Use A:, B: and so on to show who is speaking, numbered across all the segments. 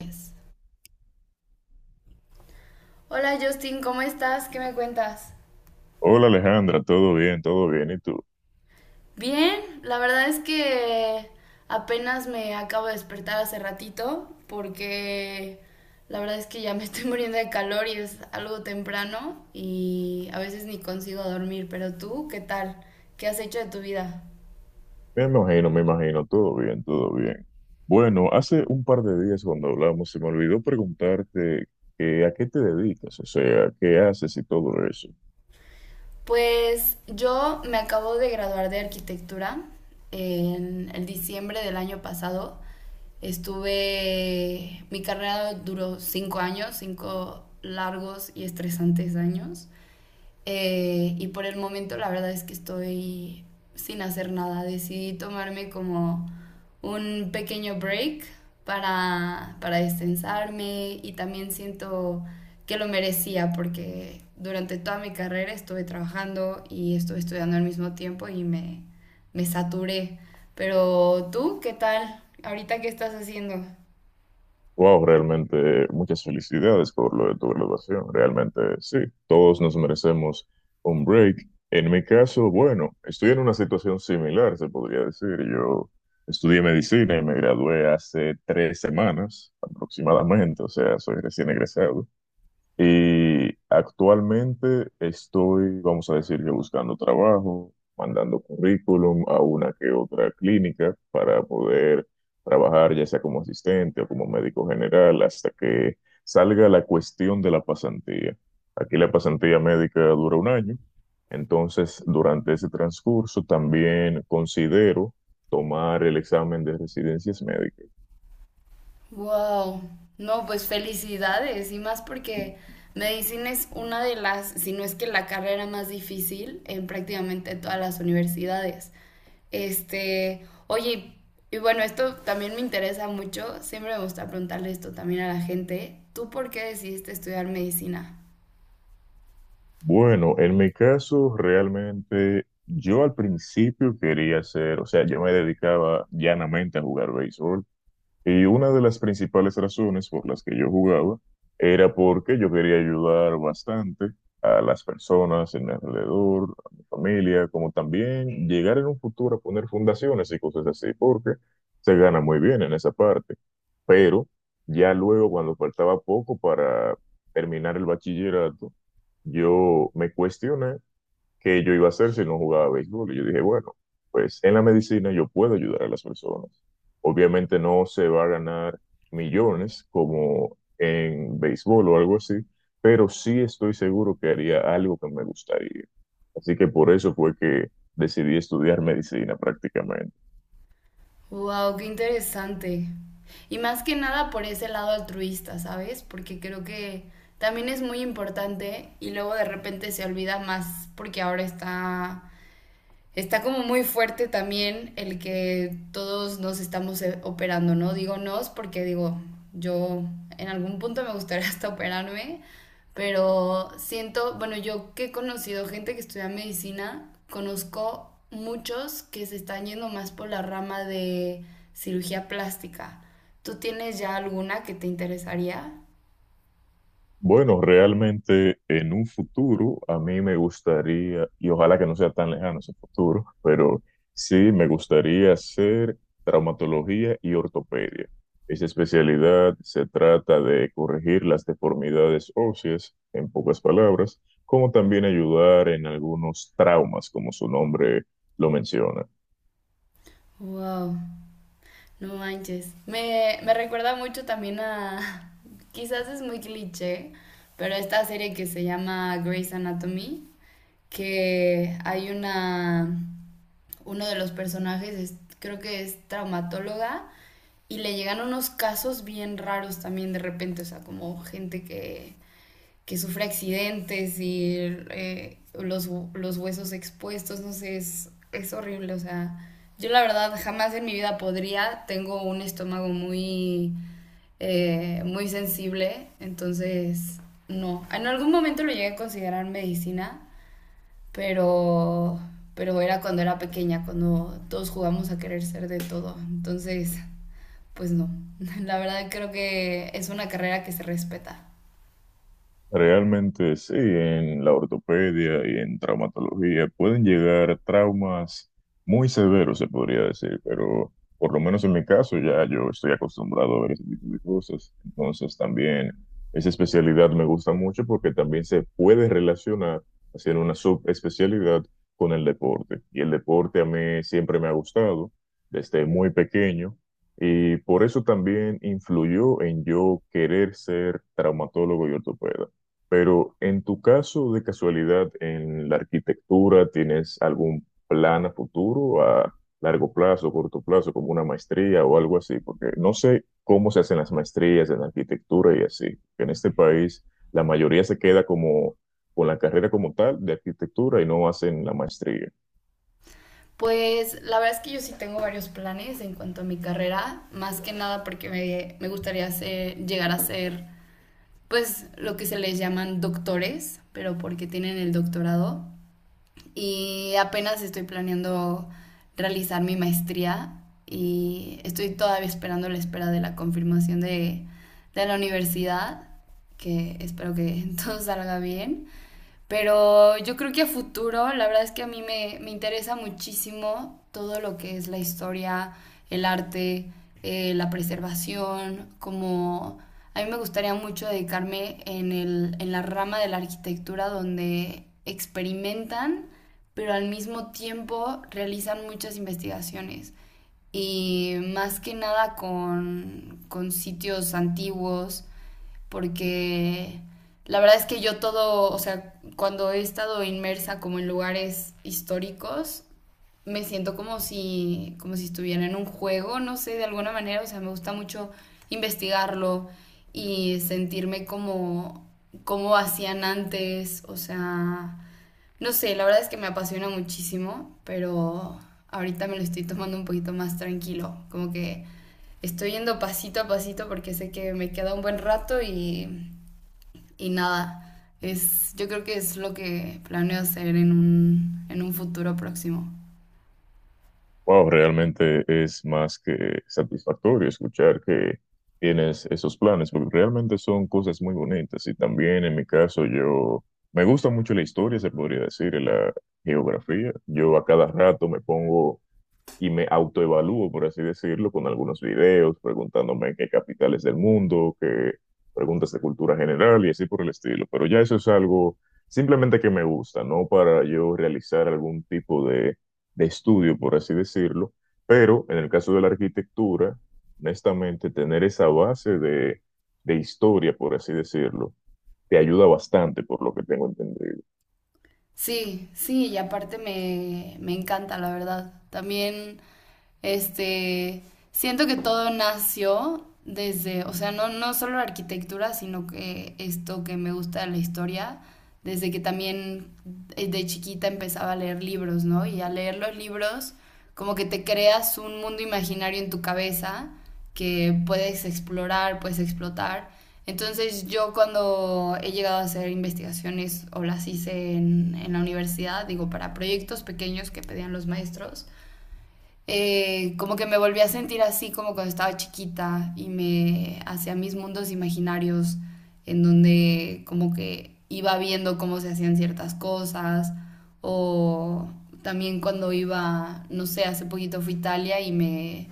A: Yes. Hola Justin, ¿cómo estás? ¿Qué me cuentas?
B: Hola Alejandra, todo bien, todo bien. ¿Y tú?
A: Bien, la verdad es que apenas me acabo de despertar hace ratito porque la verdad es que ya me estoy muriendo de calor y es algo temprano y a veces ni consigo dormir, pero tú, ¿qué tal? ¿Qué has hecho de tu vida?
B: Me imagino, todo bien, todo bien. Bueno, hace un par de días cuando hablamos se me olvidó preguntarte que, a qué te dedicas, o sea, qué haces y todo eso.
A: Pues yo me acabo de graduar de arquitectura en el diciembre del año pasado. Mi carrera duró cinco años, cinco largos y estresantes años. Y por el momento la verdad es que estoy sin hacer nada. Decidí tomarme como un pequeño break para destensarme y también siento que lo merecía porque durante toda mi carrera estuve trabajando y estuve estudiando al mismo tiempo y me saturé. Pero tú, ¿qué tal? ¿Ahorita qué estás haciendo?
B: Wow, realmente muchas felicidades por lo de tu graduación. Realmente sí, todos nos merecemos un break. En mi caso, bueno, estoy en una situación similar, se podría decir. Yo estudié medicina y me gradué hace 3 semanas aproximadamente, o sea, soy recién egresado. Y actualmente estoy, vamos a decir que buscando trabajo, mandando currículum a una que otra clínica para poder trabajar ya sea como asistente o como médico general hasta que salga la cuestión de la pasantía. Aquí la pasantía médica dura un año, entonces durante ese transcurso también considero tomar el examen de residencias médicas.
A: Wow. No, pues felicidades y más porque medicina es una de las, si no es que la carrera más difícil en prácticamente todas las universidades. Oye, y bueno, esto también me interesa mucho, siempre me gusta preguntarle esto también a la gente. ¿Tú por qué decidiste estudiar medicina?
B: Bueno, en mi caso, realmente yo al principio quería ser, o sea, yo me dedicaba llanamente a jugar béisbol. Y una de las principales razones por las que yo jugaba era porque yo quería ayudar bastante a las personas en mi alrededor, a mi familia, como también llegar en un futuro a poner fundaciones y cosas así, porque se gana muy bien en esa parte. Pero ya luego, cuando faltaba poco para terminar el bachillerato, yo me cuestioné que yo iba a hacer si no jugaba béisbol. Y yo dije, bueno, pues en la medicina yo puedo ayudar a las personas. Obviamente no se va a ganar millones como en béisbol o algo así, pero sí estoy seguro que haría algo que me gustaría. Así que por eso fue que decidí estudiar medicina prácticamente.
A: Wow, qué interesante. Y más que nada por ese lado altruista, ¿sabes? Porque creo que también es muy importante y luego de repente se olvida más porque ahora está como muy fuerte también el que todos nos estamos operando, ¿no? Digo nos porque digo, yo en algún punto me gustaría hasta operarme, pero siento, bueno, yo que he conocido gente que estudia medicina, conozco muchos que se están yendo más por la rama de cirugía plástica. ¿Tú tienes ya alguna que te interesaría?
B: Bueno, realmente en un futuro a mí me gustaría, y ojalá que no sea tan lejano ese futuro, pero sí me gustaría hacer traumatología y ortopedia. Esa especialidad se trata de corregir las deformidades óseas, en pocas palabras, como también ayudar en algunos traumas, como su nombre lo menciona.
A: Wow. No manches. Me recuerda mucho también a. Quizás es muy cliché, pero esta serie que se llama Grey's Anatomy, que hay una. Uno de los personajes, creo que es traumatóloga, y le llegan unos casos bien raros también de repente, o sea, como gente que sufre accidentes y los huesos expuestos, no sé, es horrible, o sea, yo la verdad jamás en mi vida podría, tengo un estómago muy, muy sensible, entonces no, en algún momento lo llegué a considerar medicina, pero, pero era cuando era pequeña, cuando todos jugamos a querer ser de todo, entonces, pues no, la verdad creo que es una carrera que se respeta.
B: Realmente sí, en la ortopedia y en traumatología pueden llegar traumas muy severos, se podría decir, pero por lo menos en mi caso ya yo estoy acostumbrado a ver ese tipo de cosas. Entonces también esa especialidad me gusta mucho porque también se puede relacionar, hacer una subespecialidad con el deporte. Y el deporte a mí siempre me ha gustado desde muy pequeño. Y por eso también influyó en yo querer ser traumatólogo y ortopeda. Pero en tu caso, de casualidad, en la arquitectura, ¿tienes algún plan a futuro, a largo plazo, corto plazo, como una maestría o algo así? Porque no sé cómo se hacen las maestrías en arquitectura y así. En este país, la mayoría se queda como con la carrera como tal de arquitectura y no hacen la maestría.
A: Pues la verdad es que yo sí tengo varios planes en cuanto a mi carrera, más que nada porque me gustaría llegar a ser, pues, lo que se les llaman doctores, pero porque tienen el doctorado y apenas estoy planeando realizar mi maestría y estoy todavía esperando la espera de la confirmación de la universidad, que espero que todo salga bien. Pero yo creo que a futuro, la verdad es que a mí me interesa muchísimo todo lo que es la historia, el arte, la preservación, como a mí me gustaría mucho dedicarme en la rama de la arquitectura donde experimentan pero al mismo tiempo realizan muchas investigaciones y más que nada con sitios antiguos, porque la verdad es que yo todo, o sea, cuando he estado inmersa como en lugares históricos, me siento como si estuviera en un juego, no sé, de alguna manera, o sea, me gusta mucho investigarlo y sentirme como hacían antes, o sea, no sé, la verdad es que me apasiona muchísimo, pero ahorita me lo estoy tomando un poquito más tranquilo, como que estoy yendo pasito a pasito porque sé que me queda un buen rato y nada, yo creo que es lo que planeo hacer en un futuro próximo.
B: Wow, realmente es más que satisfactorio escuchar que tienes esos planes, porque realmente son cosas muy bonitas. Y también en mi caso, yo me gusta mucho la historia, se podría decir, y la geografía. Yo a cada rato me pongo y me autoevalúo, por así decirlo, con algunos videos, preguntándome qué capitales del mundo, qué preguntas de cultura general y así por el estilo. Pero ya eso es algo simplemente que me gusta, no para yo realizar algún tipo de estudio, por así decirlo. Pero en el caso de la arquitectura, honestamente, tener esa base de historia, por así decirlo, te ayuda bastante, por lo que tengo entendido.
A: Sí, sí, y aparte me encanta, la verdad. También Este, Siento que todo nació desde, o sea, no solo la arquitectura, sino que esto que me gusta de la historia, desde que también de chiquita empezaba a leer libros, ¿no? Y al leer los libros, como que te creas un mundo imaginario en tu cabeza que puedes explorar, puedes explotar. Entonces yo cuando he llegado a hacer investigaciones o las hice en la universidad, digo, para proyectos pequeños que pedían los maestros, como que me volví a sentir así como cuando estaba chiquita y me hacía mis mundos imaginarios en donde como que iba viendo cómo se hacían ciertas cosas o también cuando iba, no sé, hace poquito fui a Italia y me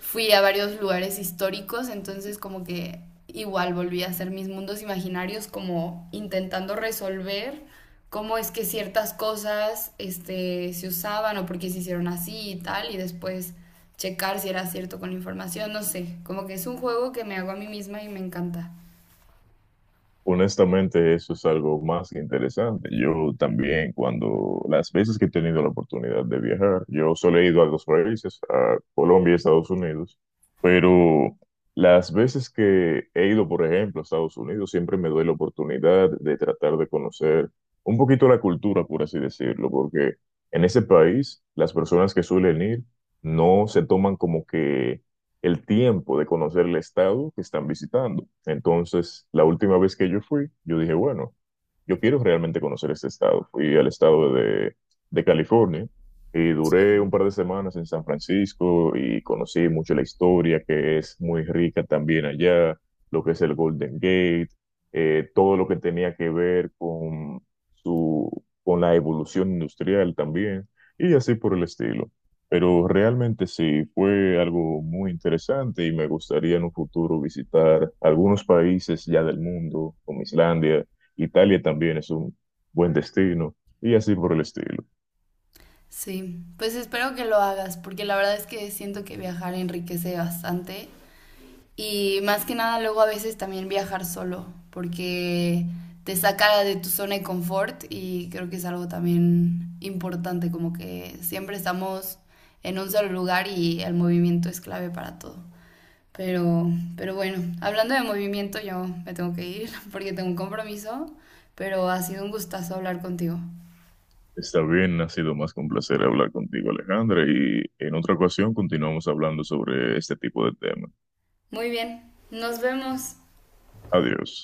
A: fui a varios lugares históricos, entonces como que igual volví a hacer mis mundos imaginarios como intentando resolver cómo es que ciertas cosas se usaban o por qué se hicieron así y tal, y después checar si era cierto con la información, no sé, como que es un juego que me hago a mí misma y me encanta.
B: Honestamente, eso es algo más que interesante. Yo también, cuando las veces que he tenido la oportunidad de viajar, yo solo he ido a dos países, a Colombia y Estados Unidos, pero las veces que he ido, por ejemplo, a Estados Unidos, siempre me doy la oportunidad de tratar de conocer un poquito la cultura, por así decirlo, porque en ese país las personas que suelen ir no se toman como que el tiempo de conocer el estado que están visitando. Entonces, la última vez que yo fui, yo dije, bueno, yo quiero realmente conocer este estado. Fui al estado de California y
A: Sí.
B: duré un par de semanas en San Francisco y conocí mucho la historia, que es muy rica también allá, lo que es el Golden Gate, todo lo que tenía que ver con su, con la evolución industrial también, y así por el estilo. Pero realmente sí, fue algo muy interesante y me gustaría en un futuro visitar algunos países ya del mundo, como Islandia, Italia también es un buen destino y así por el estilo.
A: Sí, pues espero que lo hagas, porque la verdad es que siento que viajar enriquece bastante. Y más que nada, luego a veces también viajar solo, porque te saca de tu zona de confort y creo que es algo también importante, como que siempre estamos en un solo lugar y el movimiento es clave para todo. Pero, pero bueno, hablando de movimiento, yo me tengo que ir porque tengo un compromiso, pero ha sido un gustazo hablar contigo.
B: Está bien, ha sido más que un placer hablar contigo, Alejandra, y en otra ocasión continuamos hablando sobre este tipo de temas.
A: Muy bien, nos vemos.
B: Adiós.